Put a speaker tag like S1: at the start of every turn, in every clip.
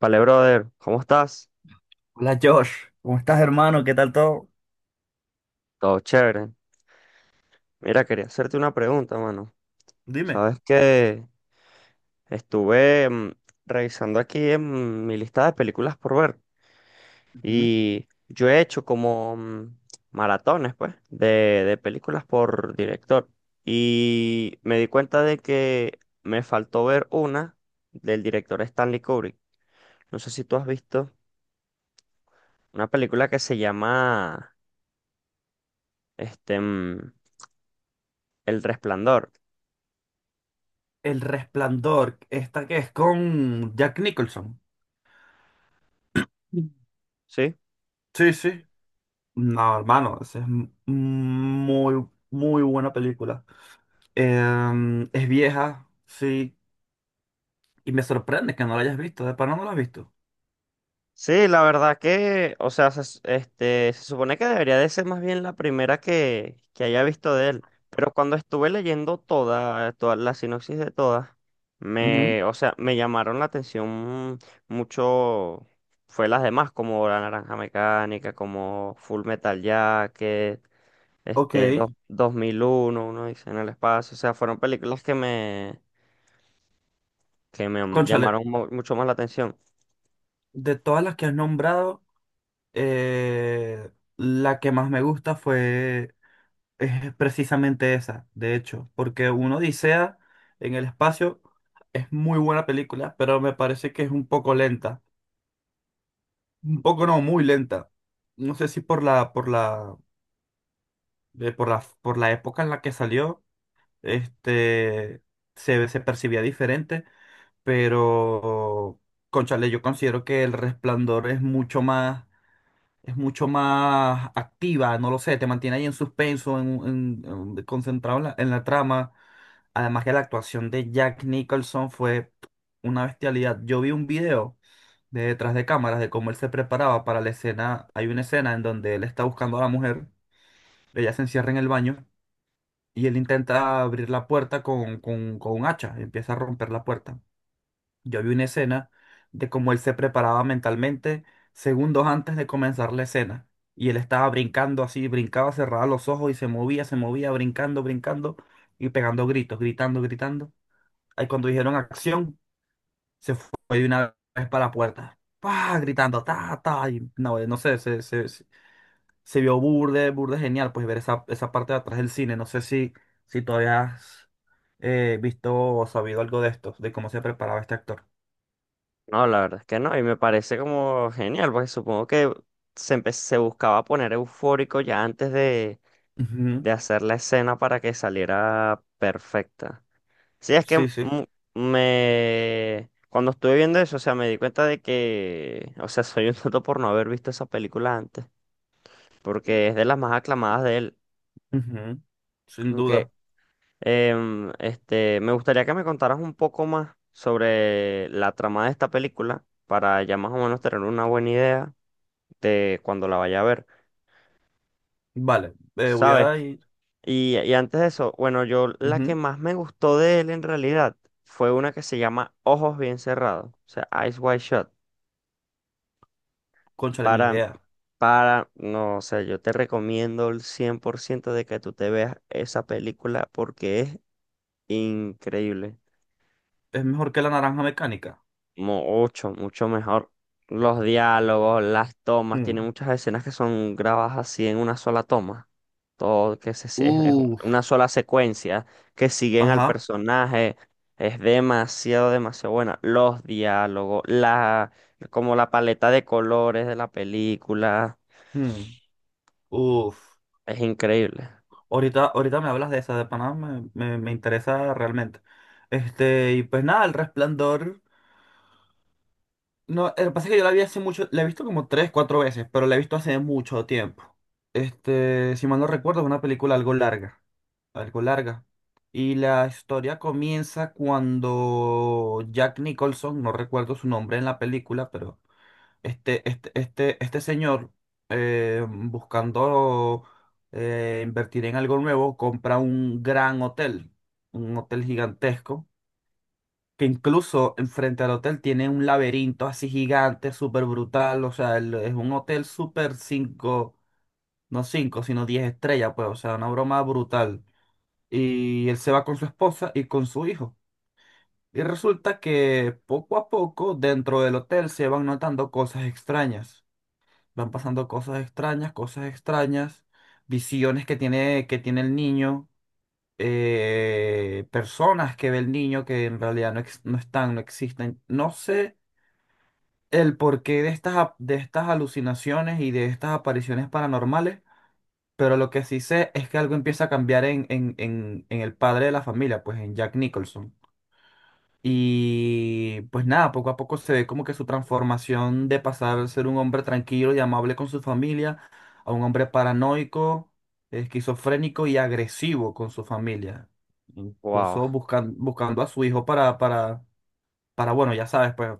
S1: Vale, brother, ¿cómo estás?
S2: Hola Josh, ¿cómo estás, hermano? ¿Qué tal todo?
S1: Todo chévere. Mira, quería hacerte una pregunta, mano.
S2: Dime.
S1: Sabes que estuve revisando aquí en mi lista de películas por ver
S2: Ujú.
S1: y yo he hecho como maratones, pues, de películas por director y me di cuenta de que me faltó ver una del director Stanley Kubrick. No sé si tú has visto una película que se llama este, El Resplandor,
S2: El Resplandor, esta que es con Jack Nicholson. Mm.
S1: ¿sí?
S2: Sí, sí. No, hermano, esa es muy, muy buena película. Es vieja, sí, y me sorprende que no la hayas visto, de pana no la has visto.
S1: Sí, la verdad que, o sea, este, se supone que debería de ser más bien la primera que haya visto de él, pero cuando estuve leyendo toda la sinopsis de todas,
S2: Ujú.
S1: me, o sea, me llamaron la atención mucho, fue las demás, como La Naranja Mecánica, como Full Metal Jacket,
S2: Ok,
S1: este, 2001, uno dice en el espacio, o sea, fueron películas que me
S2: cónchale,
S1: llamaron mucho más la atención.
S2: de todas las que has nombrado, eh, la que más me gusta fue. Es precisamente esa, de hecho, porque uno Odisea en el espacio es muy buena película, pero me parece que es un poco lenta. Un poco no, muy lenta. No sé si por la época en la que salió, este, se percibía diferente, pero, cónchale, yo considero que El Resplandor es mucho más activa, no lo sé, te mantiene ahí en suspenso, concentrado en en la trama. Además que la actuación de Jack Nicholson fue una bestialidad. Yo vi un video de detrás de cámaras de cómo él se preparaba para la escena. Hay una escena en donde él está buscando a la mujer, ella se encierra en el baño y él intenta abrir la puerta con un hacha, empieza a romper la puerta. Yo vi una escena de cómo él se preparaba mentalmente segundos antes de comenzar la escena. Y él estaba brincando así, brincaba, cerraba los ojos y se movía, brincando, brincando y pegando gritos, gritando, gritando. Ahí cuando dijeron acción, se fue de una vez para la puerta. ¡Pah! Gritando, ta, ta. Y no, no sé, se vio burde, burde genial, pues ver esa, esa parte de atrás del cine. No sé si, si todavía has visto o sabido algo de esto, de cómo se preparaba este actor.
S1: No, la verdad es que no, y me parece como genial, porque supongo que se buscaba poner eufórico ya antes
S2: Ujú.
S1: de hacer la escena para que saliera perfecta. Sí, es que
S2: Sí, sí.
S1: Cuando estuve viendo eso, o sea, me di cuenta de que, o sea, soy un tonto por no haber visto esa película antes, porque es de las más aclamadas de él.
S2: Ujú, sin
S1: Aunque
S2: duda.
S1: Este, me gustaría que me contaras un poco más sobre la trama de esta película para ya más o menos tener una buena idea de cuando la vaya a ver,
S2: Vale, voy
S1: ¿sabes?
S2: a ir.
S1: Y antes de eso, bueno, yo la que
S2: Ujú.
S1: más me gustó de él en realidad fue una que se llama Ojos Bien Cerrados, o sea, Eyes Wide Shut.
S2: Cónchale, ni
S1: Para,
S2: idea.
S1: para, no, o sea, yo te recomiendo el 100% de que tú te veas esa película porque es increíble.
S2: Es mejor que la naranja mecánica.
S1: Mucho, mucho mejor. Los diálogos, las tomas, tiene
S2: Mm.
S1: muchas escenas que son grabadas así en una sola toma. Todo que es
S2: Uf.
S1: una sola secuencia que siguen al
S2: Ajá.
S1: personaje. Es demasiado, demasiado buena. Los diálogos, como la paleta de colores de la película.
S2: Mm. Uf.
S1: Es increíble.
S2: Ahorita, ahorita me hablas de esa, de Panamá, me interesa realmente. Este, y pues nada, el resplandor. No, lo que pasa es que yo la vi hace mucho, la he visto como tres, cuatro veces, pero la he visto hace mucho tiempo. Este, si mal no recuerdo, es una película algo larga. Y la historia comienza cuando Jack Nicholson, no recuerdo su nombre en la película, pero este señor, buscando invertir en algo nuevo, compra un gran hotel, un hotel gigantesco, que incluso enfrente al hotel tiene un laberinto así gigante, súper brutal, o sea, es un hotel súper cinco, no cinco, sino 10 estrellas, pues, o sea, una broma brutal y él se va con su esposa y con su hijo. Y resulta que poco a poco dentro del hotel se van notando cosas extrañas. Van pasando cosas extrañas, visiones que tiene el niño, personas que ve el niño que en realidad no están, no existen. No sé el porqué de de estas alucinaciones y de estas apariciones paranormales. Pero lo que sí sé es que algo empieza a cambiar en el padre de la familia, pues en Jack Nicholson. Y pues nada, poco a poco se ve como que su transformación de pasar a ser un hombre tranquilo y amable con su familia a un hombre paranoico, esquizofrénico y agresivo con su familia.
S1: Wow.
S2: Incluso buscando a su hijo para, bueno, ya sabes, pues.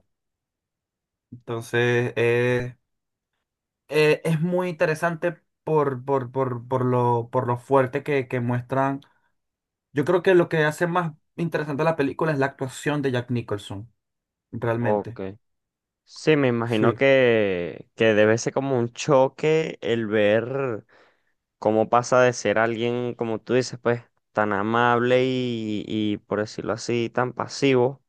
S2: Entonces, es muy interesante por lo fuerte que muestran. Yo creo que lo que hace más interesante la película es la actuación de Jack Nicholson, realmente.
S1: Ok. Sí, me imagino
S2: Sí.
S1: que debe ser como un choque el ver. Cómo pasa de ser alguien, como tú dices, pues tan amable y por decirlo así, tan pasivo,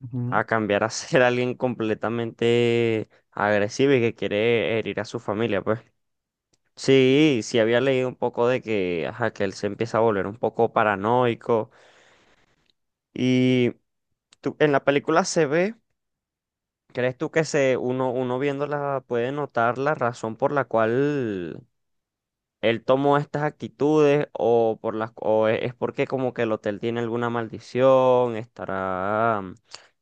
S2: Ujú,
S1: a cambiar a ser alguien completamente agresivo y que quiere herir a su familia, pues. Sí, sí había leído un poco de que, ajá, que él se empieza a volver un poco paranoico y en la película se ve, ¿crees tú que se uno viéndola puede notar la razón por la cual él tomó estas actitudes o por las es porque como que el hotel tiene alguna maldición, estará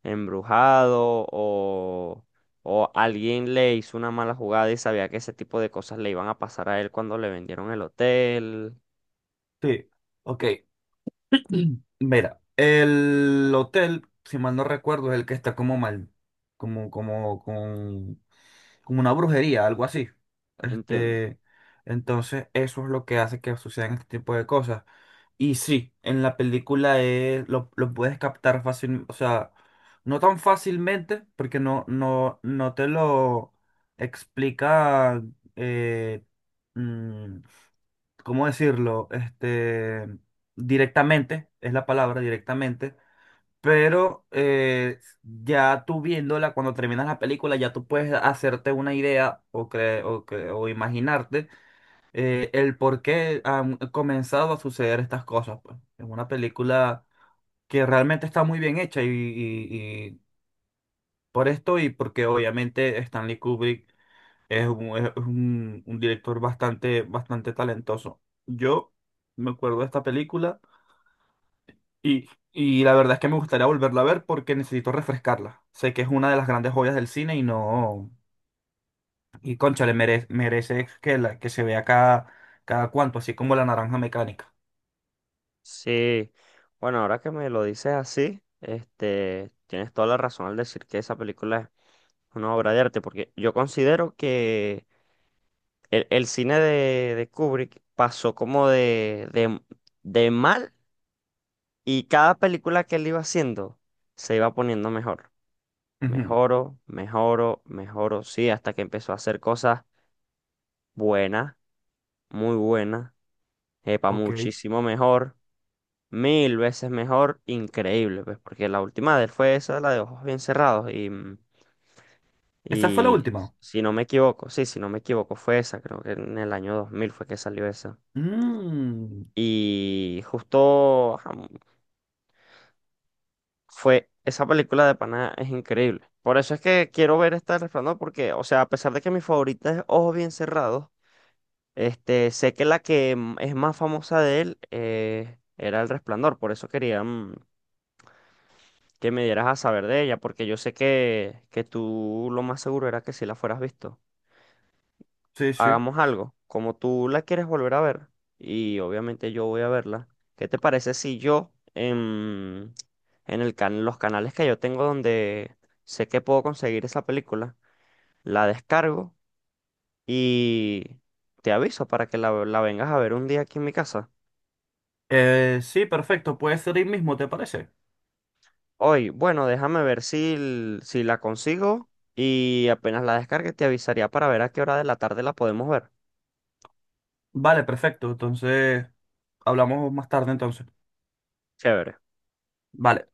S1: embrujado o alguien le hizo una mala jugada y sabía que ese tipo de cosas le iban a pasar a él cuando le vendieron el hotel.
S2: sí, ok. Mira, el hotel, si mal no recuerdo, es el que está como mal, como, como, con, como una brujería, algo así.
S1: Entiendo.
S2: Este, entonces, eso es lo que hace que sucedan este tipo de cosas. Y sí, en la película es, lo puedes captar fácil, o sea, no tan fácilmente, porque no te lo explica, eh, mm, ¿cómo decirlo? Este, directamente, es la palabra directamente, pero ya tú viéndola, cuando terminas la película, ya tú puedes hacerte una idea o imaginarte el por qué han comenzado a suceder estas cosas, pues. Es una película que realmente está muy bien hecha y por esto y porque obviamente Stanley Kubrick es un director bastante, bastante talentoso. Yo me acuerdo de esta película y la verdad es que me gustaría volverla a ver porque necesito refrescarla. Sé que es una de las grandes joyas del cine y no... Y cónchale le merece que se vea cada, cada cuanto, así como La Naranja Mecánica.
S1: Sí. Bueno, ahora que me lo dices así, este, tienes toda la razón al decir que esa película es una obra de arte, porque yo considero que el cine de Kubrick pasó como de mal y cada película que él iba haciendo se iba poniendo mejor.
S2: Ujú,
S1: Mejoro, mejoro, mejoro, sí, hasta que empezó a hacer cosas buenas, muy buenas, epa,
S2: ok.
S1: muchísimo mejor, mil veces mejor, increíble, pues, porque la última de él fue esa, la de Ojos Bien Cerrados, y,
S2: Esa fue la
S1: y
S2: última.
S1: si no me equivoco, sí, si no me equivoco, fue esa, creo que en el año 2000 fue que salió esa.
S2: Mm,
S1: Y justo ajá, fue, esa película de Pana es increíble. Por eso es que quiero ver esta del Resplandor, porque, o sea, a pesar de que mi favorita es Ojos Bien Cerrados, este, sé que la que es más famosa de él era El Resplandor. Por eso quería que me dieras a saber de ella, porque yo sé que tú lo más seguro era que si la fueras visto.
S2: sí, sí.
S1: Hagamos algo, como tú la quieres volver a ver, y obviamente yo voy a verla, ¿qué te parece si yo en el los canales que yo tengo donde sé que puedo conseguir esa película, la descargo y te aviso para que la vengas a ver un día aquí en mi casa?
S2: Sí, perfecto. Puede ser hoy mismo, ¿te parece?
S1: Hoy, bueno, déjame ver si, si la consigo y apenas la descargue te avisaría para ver a qué hora de la tarde la podemos ver.
S2: Vale, perfecto. Entonces, hablamos más tarde entonces.
S1: Chévere.
S2: Vale.